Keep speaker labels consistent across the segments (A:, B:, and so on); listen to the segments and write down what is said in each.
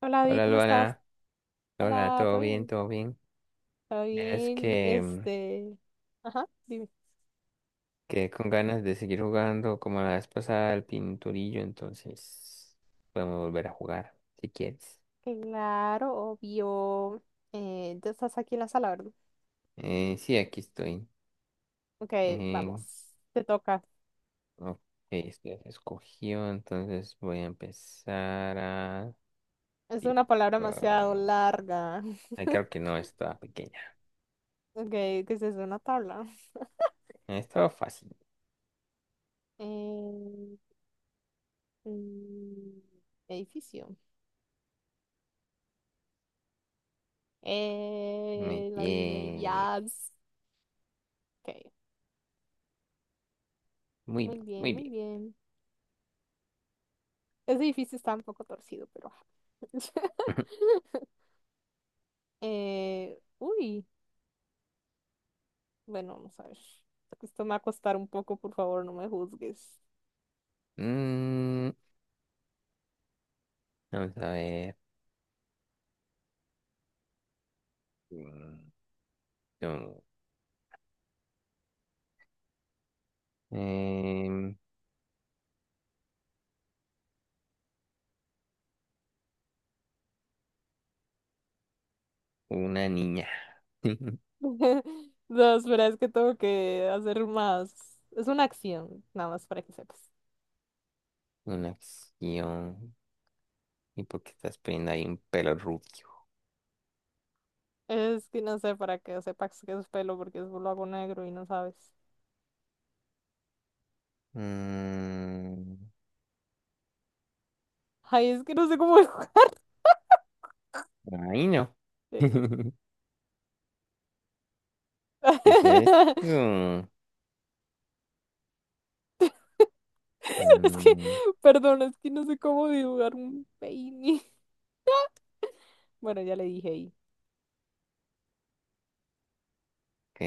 A: Hola, David,
B: Hola,
A: ¿cómo estás?
B: Luana. Hola,
A: Hola,
B: ¿todo
A: ¿todo
B: bien?
A: bien?
B: ¿Todo bien?
A: ¿Todo
B: Mira, es
A: bien?
B: que
A: Este, ajá, dime.
B: quedé con ganas de seguir jugando como la vez pasada al pinturillo, entonces podemos volver a jugar si quieres.
A: Claro, obvio. Ya estás aquí en la sala, ¿verdad?
B: Sí, aquí estoy.
A: Ok,
B: Eh,
A: vamos, te toca.
B: ok, esto ya se escogió, entonces voy a empezar a
A: Es una palabra demasiado
B: dibujar.
A: larga.
B: Ay, creo que no estaba pequeña.
A: Ok, ¿qué es eso? Una tabla.
B: Estaba fácil.
A: Eh, mm, edificio.
B: Muy
A: La adiviné,
B: bien.
A: yes. Ok,
B: Muy
A: muy
B: bien,
A: bien,
B: muy
A: muy
B: bien.
A: bien. Ese edificio está un poco torcido, pero ajá. Uy, bueno, vamos a ver. Esto me va a costar un poco, por favor, no me juzgues.
B: Mm, Vamos a ver. Mm, no. Em, una niña.
A: No, espera, es que tengo que hacer más. Es una acción, nada más para que sepas.
B: Una acción. ¿Y por qué estás poniendo ahí un pelo rubio?
A: Es que no sé, para que sepas que es pelo, porque es lo hago negro y no sabes.
B: Mm,
A: Ay, es que no sé cómo dibujar.
B: Ahí no. ¿Qué es esto?
A: Es que,
B: Mm,
A: perdón, es que no sé cómo dibujar un peine. Bueno, ya le dije ahí.
B: ok.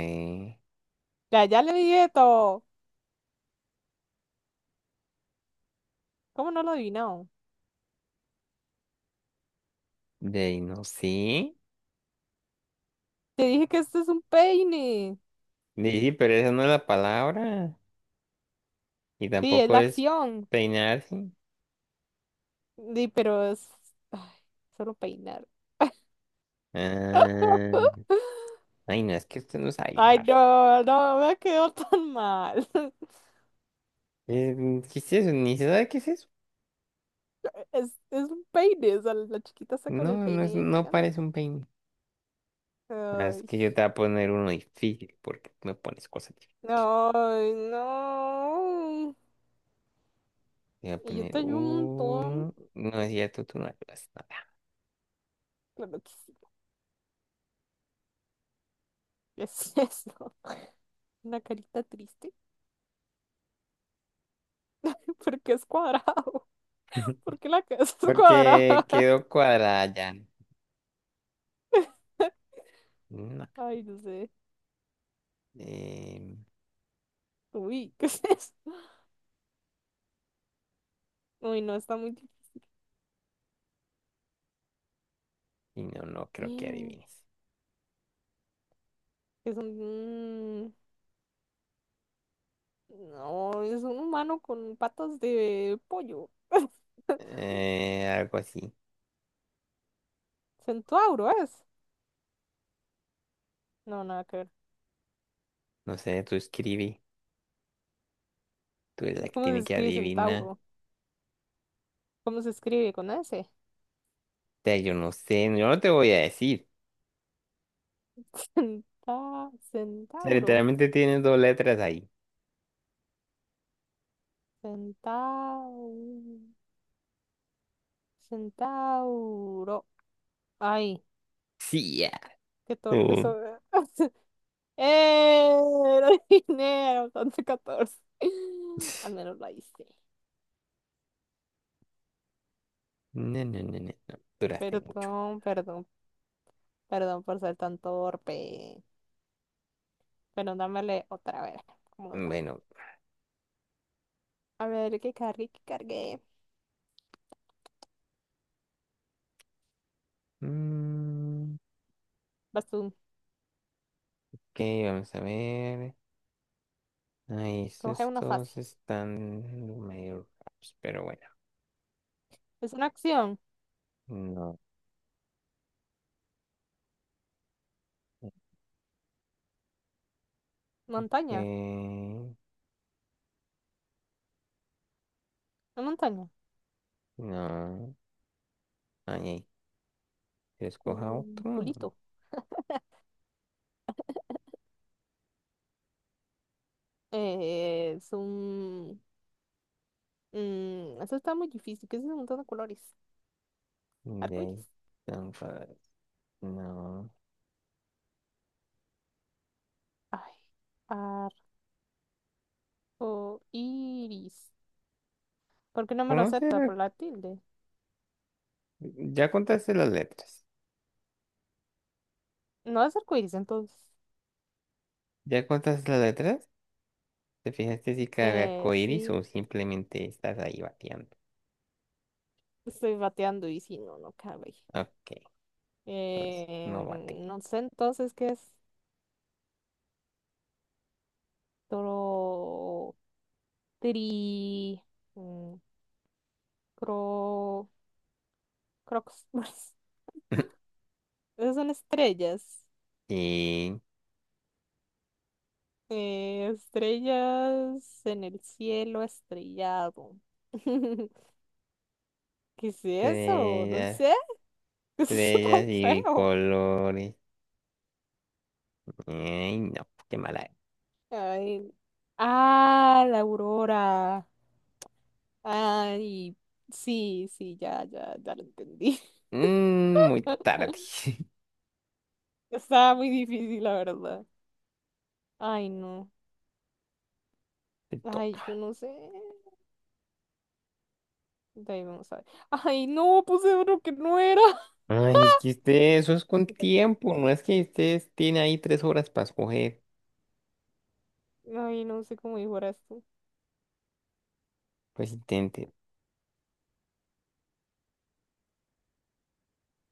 A: Ya, ya le dije todo. ¿Cómo no lo adivinó?
B: De no sí.
A: Te dije que este es un peine.
B: Sí, pero esa no es la palabra. Y
A: Sí, es
B: tampoco
A: la
B: es
A: acción.
B: peinarse.
A: Sí, pero es ay, solo peinar.
B: Ah, ay, no, es que usted no sabe
A: Ay,
B: dibujar.
A: no, no, me quedó tan mal.
B: Eh, ¿Qué es eso? Ni se sabe qué es eso.
A: Es un peine, o sea, la chiquita está con el
B: No, no es,
A: peine
B: no
A: peinando.
B: parece un peine. Ah, es
A: Ay,
B: que yo te voy a poner uno difícil porque tú me pones cosas difíciles.
A: no, ay, no.
B: Te voy a
A: Y yo
B: poner
A: te ayudo un montón.
B: uno. No es cierto, tú no ayudas nada.
A: Claro que sí, es eso. Una carita triste, porque es cuadrado. ¿Porque la casa es
B: Porque
A: cuadrada?
B: quedó cuadrada ya. No.
A: Ay, no sé.
B: Eh,
A: Uy, ¿qué es eso? Uy, no, está muy difícil.
B: y no, no creo que
A: Mm,
B: adivines.
A: Es un... no, es un humano con patas de pollo.
B: Algo así.
A: Centauro es. No, nada que ver.
B: No sé, tú escribí. Tú eres la que
A: ¿Cómo se
B: tiene que
A: escribe
B: adivinar. O
A: centauro? ¿Cómo se escribe con ese?
B: sea, yo no sé. Yo no te voy a decir.
A: Centa...
B: O sea,
A: Centauro.
B: literalmente tienes dos letras ahí.
A: Centau... Centauro. Ay,
B: Sí, ya.
A: qué torpe
B: Mm.
A: soy. ¡Eh! Lo dinero, 14. Al menos la hice.
B: No, no, no, no, no. Duraste mucho.
A: Perdón, perdón, Perdón por ser tan torpe. Pero dámele otra vez. ¿Cómo nos va?
B: Bueno.
A: A ver, ¿qué cargué? ¿Qué cargué?
B: mm,
A: Vas tú.
B: Ok, vamos a ver. Ahí,
A: Coge
B: estos
A: una fácil.
B: todos están medio raros, pero bueno.
A: Es una acción.
B: No.
A: Montaña.
B: eh,
A: Una montaña.
B: no. Ahí, ahí, que escoja
A: Cu-
B: otro.
A: Culito. Es un... eso está muy difícil. ¿Qué es un montón de colores?
B: De ahí.
A: Arcoiris.
B: Tan padre. No.
A: Ay. Arcoiris. ¿Por qué no me lo
B: ¿Cómo
A: acepta?
B: será?
A: Por la tilde.
B: Ya contaste las letras.
A: No es arcoiris, entonces.
B: ¿Ya contaste las letras? ¿Te fijaste si cabe arco iris
A: Sí.
B: o simplemente estás ahí bateando?
A: Estoy bateando y si no, no cabe.
B: Ok, entonces no bateo.
A: No sé entonces qué es toro, tri, mm, cro, crocs. Esas son estrellas.
B: Y
A: Estrellas en el cielo estrellado. ¿Qué es eso? No
B: estrellas,
A: sé. ¿Qué es eso tan
B: estrellas y
A: feo?
B: colores. Ay, no, qué mala.
A: Ay, ah, la aurora. Ay, sí, sí, ya, ya, ya lo entendí.
B: Mm, muy tarde.
A: Estaba muy difícil, la verdad. Ay, no.
B: Te
A: Ay,
B: toca.
A: yo no sé. De ahí vamos a ver. Ay, no, puse uno que no era.
B: Ay, es que usted, eso es con tiempo. No es que ustedes tiene ahí tres horas para escoger.
A: Ay, no sé cómo dibujar tú.
B: Pues intente.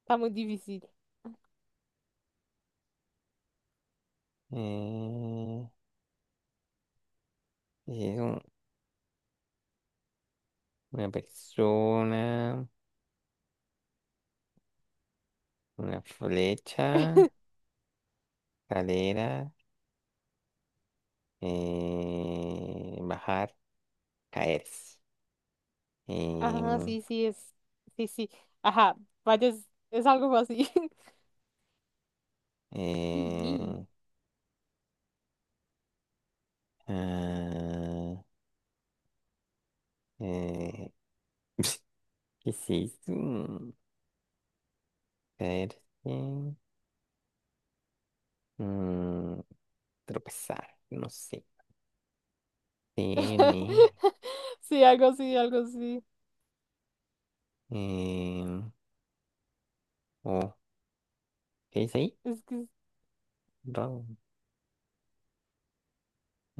A: Está muy difícil.
B: Eh, es una persona, una flecha, cadera, bajar, caerse.
A: Ajá,
B: Em,
A: sí, sí, es. Sí, sí. Ajá, vaya, es algo así. Y- y.
B: eh, ah, eh, ¿Qué es eso? Caerse. Mm, tropezar, no sé. N,
A: Sí, algo así, algo así.
B: em, O, ¿Qué dice ahí?
A: Es que,
B: Ro-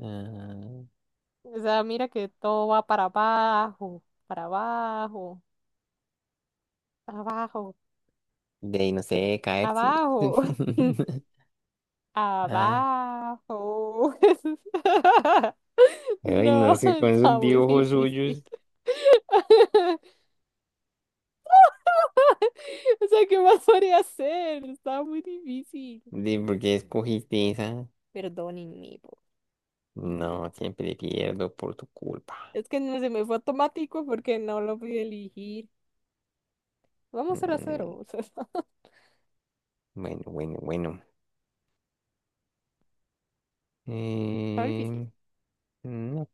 B: ah,
A: o sea, mira que todo va para abajo, abajo,
B: de ahí, no sé, caer, sí.
A: abajo,
B: Ah,
A: abajo.
B: ay, no
A: No,
B: sé, con esos
A: estaba muy
B: dibujos
A: difícil.
B: suyos,
A: O sea, ¿qué más podría hacer? Estaba muy difícil.
B: de por qué escogiste esa.
A: Perdónenme por mi vida.
B: No, siempre pierdo por tu culpa.
A: Es que no se me fue automático porque no lo pude elegir. Vamos a la
B: Mm,
A: cero. O sea,
B: bueno, bueno, bueno.
A: está difícil.
B: Em, ok.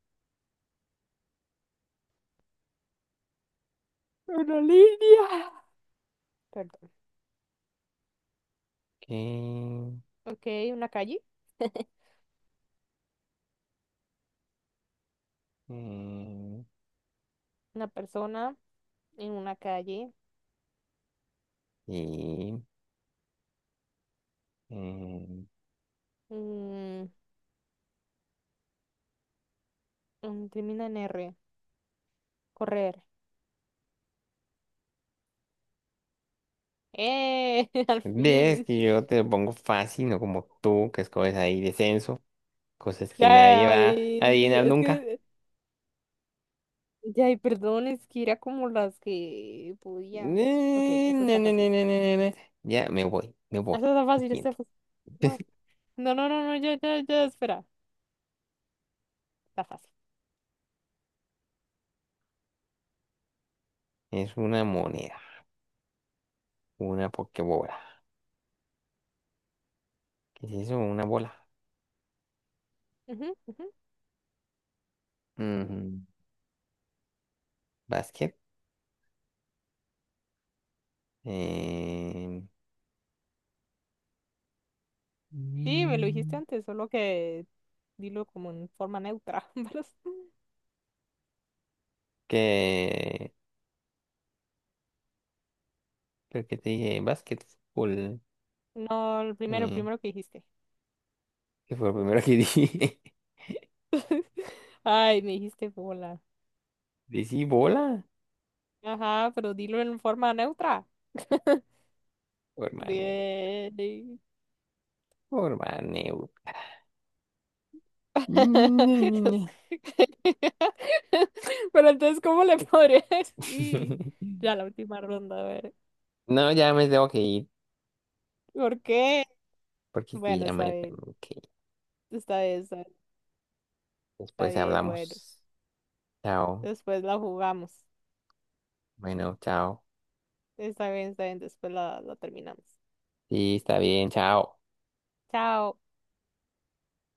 A: Una línea. Perdón. Ok, una calle.
B: Em,
A: Una persona en una calle.
B: sí. em,
A: Mm, Termina en R. Correr. ¡Eh! Al
B: Ves
A: fin.
B: que yo te lo pongo fácil, no como tú, que escoges ahí descenso, cosas que nadie va a
A: Ay,
B: adivinar
A: es
B: nunca.
A: que ya, y perdón, es que era como las que podía. Ok,
B: Ne,
A: esta
B: ne,
A: está
B: ne, ne,
A: fácil.
B: ne, ne, ne, ne. Ya me voy, me voy.
A: Esta está fácil, esta
B: Siguiente.
A: está fácil. No, no, no, no, no, ya, ya, ya, espera. Está fácil.
B: Es una moneda, una pokebola. ¿Qué es eso? Una bola.
A: Ujú, ujú.
B: Ujú. Básquet. Eh...
A: Sí, me lo dijiste
B: mm,
A: antes, solo que dilo como en forma neutra. pero
B: ¿Qué? ¿Pero qué te dije? Básquetbol.
A: no, el primero,
B: Eh,
A: que dijiste.
B: ¿Qué fue lo primero que dije?
A: Ay, me dijiste bola.
B: ¿Decí bola?
A: Ajá, pero dilo en forma neutra.
B: Por maneo,
A: Bien.
B: por maneo. Ñe, ñe, ñe.
A: Pero entonces, ¿cómo le podría decir? Ya la última ronda, a ver.
B: No, ya me tengo que ir,
A: ¿Por qué?
B: porque sí,
A: Bueno,
B: ya
A: está
B: me
A: bien,
B: tengo que ir.
A: está bien, está bien, está
B: Después
A: bien,
B: hablamos.
A: bueno.
B: Chao.
A: Después la jugamos.
B: Bueno, chao.
A: Está bien, después la terminamos.
B: Sí, está bien, chao.
A: Chao.